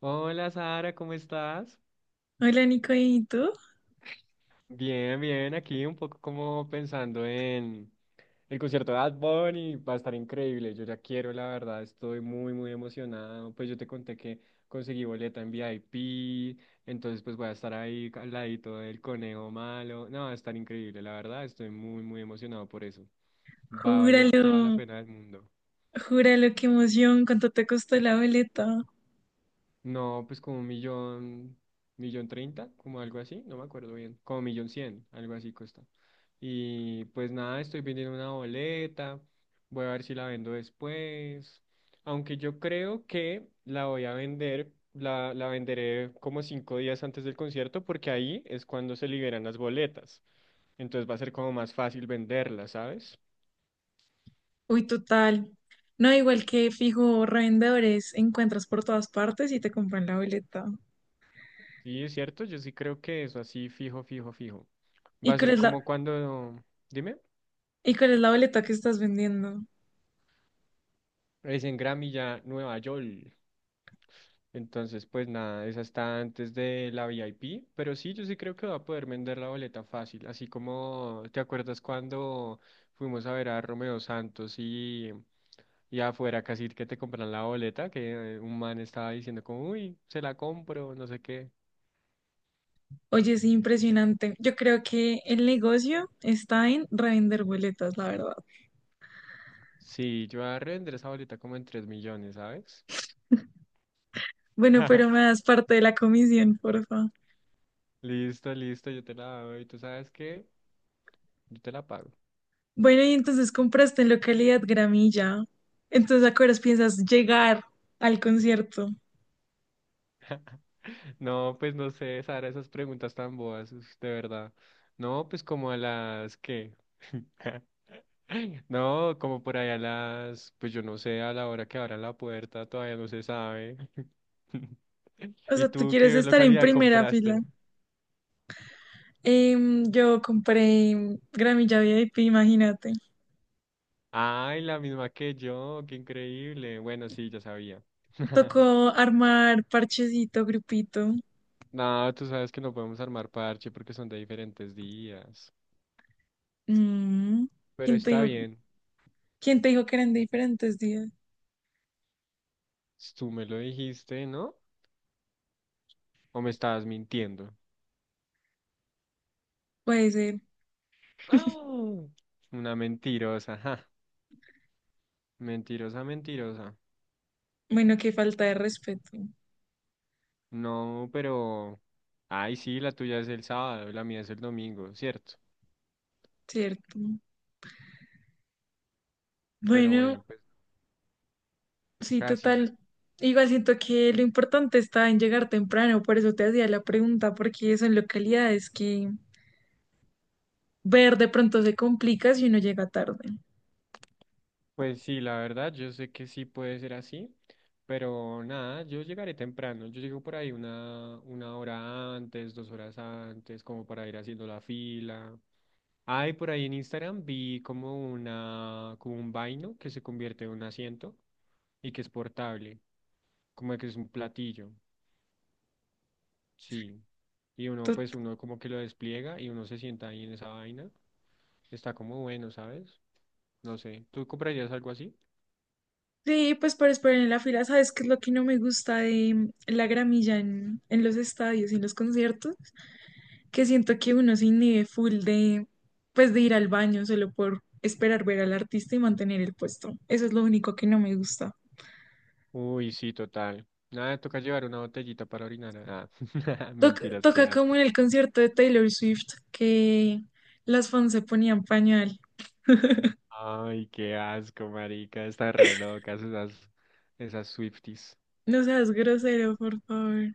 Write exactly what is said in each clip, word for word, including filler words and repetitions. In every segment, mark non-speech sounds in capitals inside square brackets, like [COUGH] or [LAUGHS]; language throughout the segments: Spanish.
Hola Sara, ¿cómo estás? Hola Nico, ¿y tú? Bien, bien, aquí un poco como pensando en el concierto de Bad Bunny, va a estar increíble, yo ya quiero, la verdad, estoy muy, muy emocionado, pues yo te conté que conseguí boleta en V I P, entonces pues voy a estar ahí al ladito del conejo malo, no, va a estar increíble, la verdad, estoy muy, muy emocionado por eso, va a valer Júralo, toda la pena del mundo. júralo, qué emoción, cuánto te costó la boleta. No, pues como un millón, millón treinta, como algo así, no me acuerdo bien, como millón cien, algo así cuesta. Y pues nada, estoy vendiendo una boleta, voy a ver si la vendo después, aunque yo creo que la voy a vender, la, la venderé como cinco días antes del concierto porque ahí es cuando se liberan las boletas, entonces va a ser como más fácil venderlas, ¿sabes? Uy, total. No, igual que fijo, revendedores encuentras por todas partes y te compran la boleta. Sí, es cierto, yo sí creo que eso así fijo, fijo, fijo. Va ¿Y a cuál ser es la, como cuando, dime. y cuál es la boleta que estás vendiendo? Es en Gramilla, Nueva York. Entonces, pues nada, esa está antes de la V I P. Pero sí, yo sí creo que va a poder vender la boleta fácil. Así como, ¿te acuerdas cuando fuimos a ver a Romeo Santos y, y afuera casi que te compran la boleta? Que eh, un man estaba diciendo como, uy, se la compro, no sé qué. Oye, es impresionante. Yo creo que el negocio está en revender boletas, la verdad. Sí, yo voy a revender esa boleta como en tres millones, ¿sabes? Bueno, pero me [LAUGHS] das parte de la comisión, porfa. Listo, listo, yo te la doy. ¿Tú sabes qué? Yo te la pago. Bueno, y entonces compraste en localidad Gramilla. Entonces, ¿a qué horas piensas llegar al concierto? No, pues no sé, Sara, esas preguntas tan boas, uf, de verdad. No, pues como a las que. [LAUGHS] No, como por allá a las, pues yo no sé, a la hora que abran la puerta todavía no se sabe. [LAUGHS] O ¿Y sea, tú tú quieres qué estar en localidad primera fila. compraste? Em, yo compré gramilla V I P, imagínate. Ay, la misma que yo, qué increíble. Bueno, sí, ya sabía. [LAUGHS] Tocó armar parchecito, grupito. No, tú sabes que no podemos armar parche porque son de diferentes días. Mm. Pero ¿Quién te está dijo, bien, quién te dijo que eran diferentes días? tú me lo dijiste, ¿no? ¿O me estabas mintiendo? Puede ser. [LAUGHS] ¡Ah! Una mentirosa, ajá. Mentirosa, mentirosa. Bueno, qué falta de respeto, No, pero... Ay, sí, la tuya es el sábado, la mía es el domingo, ¿cierto? ¿cierto? Pero Bueno, bueno, pues sí, casi. total. Igual siento que lo importante está en llegar temprano, por eso te hacía la pregunta, porque son localidades que ver de pronto se complica si uno llega tarde. Pues sí, la verdad, yo sé que sí puede ser así, pero nada, yo llegaré temprano. Yo llego por ahí una, una hora antes, dos horas antes, como para ir haciendo la fila. Ay, por ahí en Instagram vi como una, como un vaino que se convierte en un asiento y que es portable. Como que es un platillo, sí. Y uno, pues Tot- uno como que lo despliega y uno se sienta ahí en esa vaina. Está como bueno, ¿sabes? No sé, ¿tú comprarías algo así? Sí, pues para esperar en la fila, ¿sabes qué es lo que no me gusta de la gramilla en, en los estadios y en los conciertos? Que siento que uno se inhibe full de, pues de ir al baño solo por esperar ver al artista y mantener el puesto. Eso es lo único que no me gusta. Uy, sí, total. Nada, toca llevar una botellita para orinar. Ah, [LAUGHS] Toca, mentiras, qué toca como asco. en el concierto de Taylor Swift, que las fans se ponían pañal. Ay, qué asco, marica, están re locas esas, esas Swifties. No seas grosero, por favor.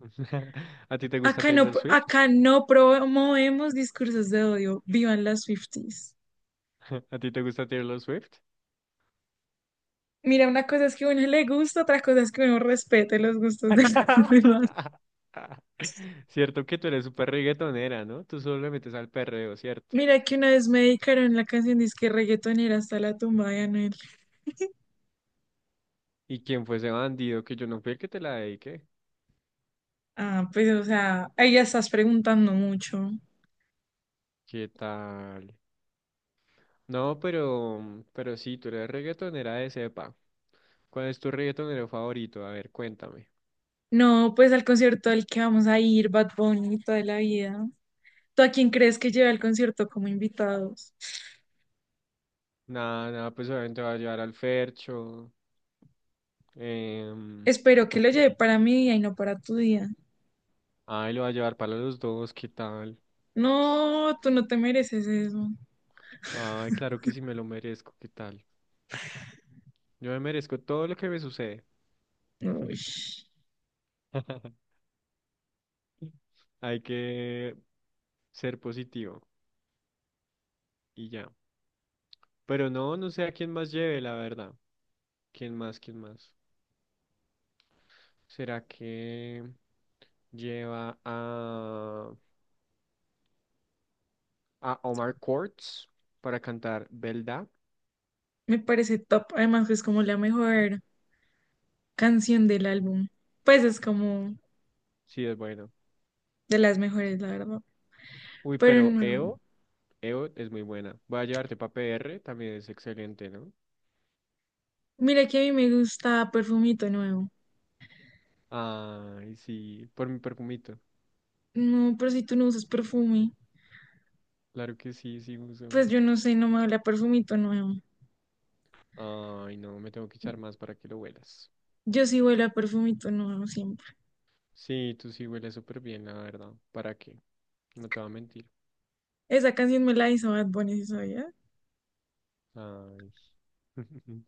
[LAUGHS] ¿A ti te gusta Acá no, Taylor Swift? acá no promovemos discursos de odio. Vivan las Swifties. [LAUGHS] ¿A ti te gusta Taylor Swift? Mira, una cosa es que a uno le gusta, otra cosa es que uno respete los gustos de las [LAUGHS] [LAUGHS] demás. Cierto que tú eres súper reggaetonera, ¿no? Tú solo le metes al perreo, ¿cierto? Mira que una vez me dedicaron la canción disque reggaetonera hasta la tumba de Anuel. ¿Y quién fue ese bandido? Que yo no fui el que te la dediqué. Ah, pues o sea, ahí ya estás preguntando mucho. ¿Qué tal? No, pero, mm, pero sí, tú eres reggaetonera de cepa. ¿Cuál es tu reggaetonero favorito? A ver, cuéntame. No, pues al concierto al que vamos a ir, Bad Bunny, toda la vida. ¿Tú a quién crees que lleve al concierto como invitados? Nada, nada, pues obviamente va a llevar al Fercho. em, Espero que lo lleve para mi día y no para tu día. Ay, lo va a llevar para los dos, ¿qué tal? No, tú no te mereces eso. Ay, claro que sí me lo merezco, ¿qué tal? Yo me merezco todo lo que me sucede. Uy, [LAUGHS] Hay que ser positivo y ya. Pero no, no sé a quién más lleve, la verdad. ¿Quién más? ¿Quién más? ¿Será que lleva a, a Omar Courtz para cantar Belda? me parece top. Además, es como la mejor canción del álbum. Pues es como Sí, es bueno. de las mejores, la verdad. Uy, Pero pero no. E O, E O es muy buena. Voy a llevarte para P R, también es excelente, ¿no? Mira que a mí me gusta Perfumito Nuevo. Ay, sí, por mi perfumito. No, pero si tú no usas perfume, Claro que sí, sí, uso. pues yo no sé, no me huele a Perfumito Nuevo. Ay, no, me tengo que echar más para que lo huelas. Yo sí huele a Perfumito Nuevo siempre. Sí, tú sí hueles súper bien, la verdad. ¿Para qué? No te voy a mentir. Esa canción me la hizo Bad Bunny, ¿sí, sabías? Ay. [LAUGHS]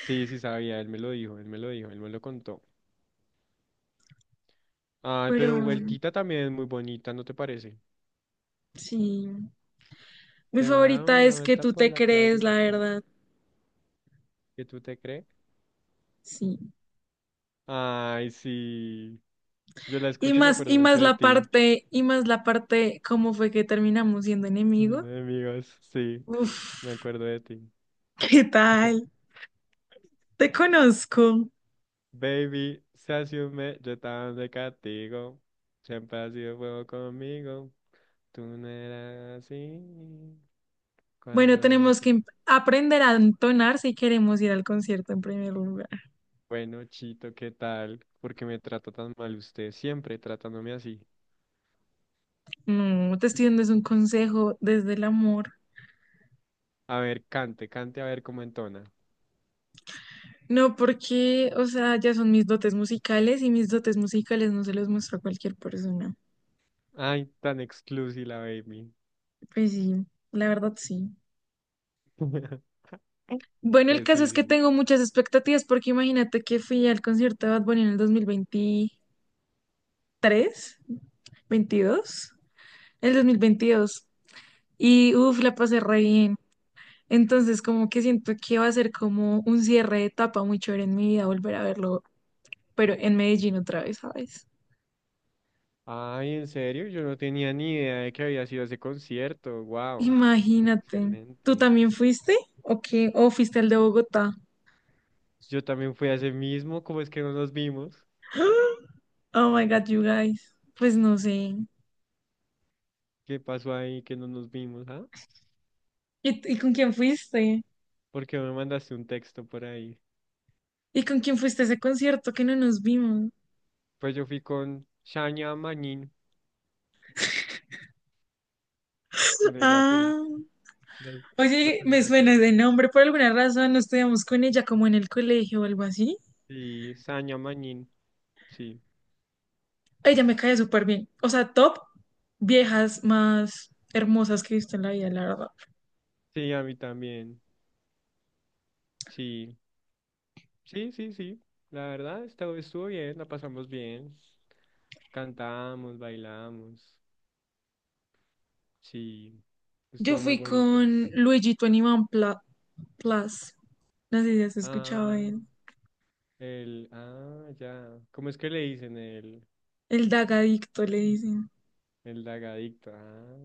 Sí, sí sabía, él me lo dijo, él me lo dijo, él me lo contó. Ay, Pero pero bueno, vueltita también es muy bonita, ¿no te parece? sí. Mi Te va a dar favorita una es que vuelta tú por te la crees, la playita. verdad. ¿Qué tú te crees? Sí. Ay, sí. Yo la Y escucho y me más, acuerdo y mucho más de la ti. parte, y más la parte, cómo fue que terminamos siendo [LAUGHS] enemigos. Siendo amigos, sí. Uf, Me acuerdo de ti. ¿qué tal? [LAUGHS] Te conozco. Baby, se asume, yo tan de castigo. Siempre ha sido fuego conmigo. Tú no eras así. Cuando Bueno, yo tenemos que te- em- aprender a entonar si queremos ir al concierto en primer lugar. Bueno, Chito, ¿qué tal? ¿Por qué me trata tan mal usted? Siempre tratándome así. No, te estoy dando es un consejo desde el amor. A ver, cante, cante a ver cómo entona. No, porque, o sea, ya son mis dotes musicales y mis dotes musicales no se los muestro a cualquier persona. Ay, tan exclusiva, baby. Pues sí, la verdad sí. [LAUGHS] Bueno, el Pues caso sí, es que sí. tengo muchas expectativas porque imagínate que fui al concierto de Bad Bunny en el dos mil veintitrés, veintidós, el dos mil veintidós y uff, la pasé re bien. Entonces, como que siento que va a ser como un cierre de etapa muy chévere en mi vida volver a verlo, pero en Medellín otra vez, ¿sabes? Ay, en serio, yo no tenía ni idea de que había sido ese concierto. Wow. Imagínate. ¿Tú Excelente. también fuiste? ¿O qué? ¿O fuiste al de Bogotá? Yo también fui a ese mismo, ¿cómo es que no nos vimos? [GASPS] Oh my God, you guys. Pues no sé. ¿Qué pasó ahí que no nos vimos, ah? ¿Y, y con quién fuiste? ¿Porque me mandaste un texto por ahí? ¿Y con quién fuiste a ese concierto que no nos vimos? Pues yo fui con Shania Manin, con ella fui. Ah. No, no Oye, sé si me la suena de conoces. nombre por alguna razón. ¿No estudiamos con ella como en el colegio o algo así? Sí, Shania Manin, sí. Ella me cae súper bien. O sea, top viejas más hermosas que he visto en la vida, la verdad. Sí, a mí también. Sí, sí, sí, sí. La verdad, estuvo, estuvo bien, la pasamos bien. Cantamos, bailamos. Sí, Yo estuvo muy fui bonito. con Luigi veintiuno Pla- Plus. No sé si has escuchado Ah, de él. el, ah, ya. ¿Cómo es que le dicen el? El Dagadicto le dicen. El lagadicto. Ah,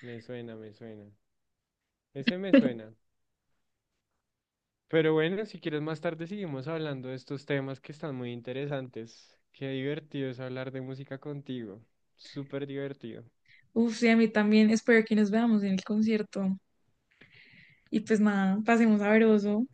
me suena, me suena. Ese me suena. Pero bueno, si quieres más tarde seguimos hablando de estos temas que están muy interesantes. Qué divertido es hablar de música contigo. Súper divertido. Uf, sí, a mí también. Espero que nos veamos en el concierto. Y pues nada, pasemos sabroso.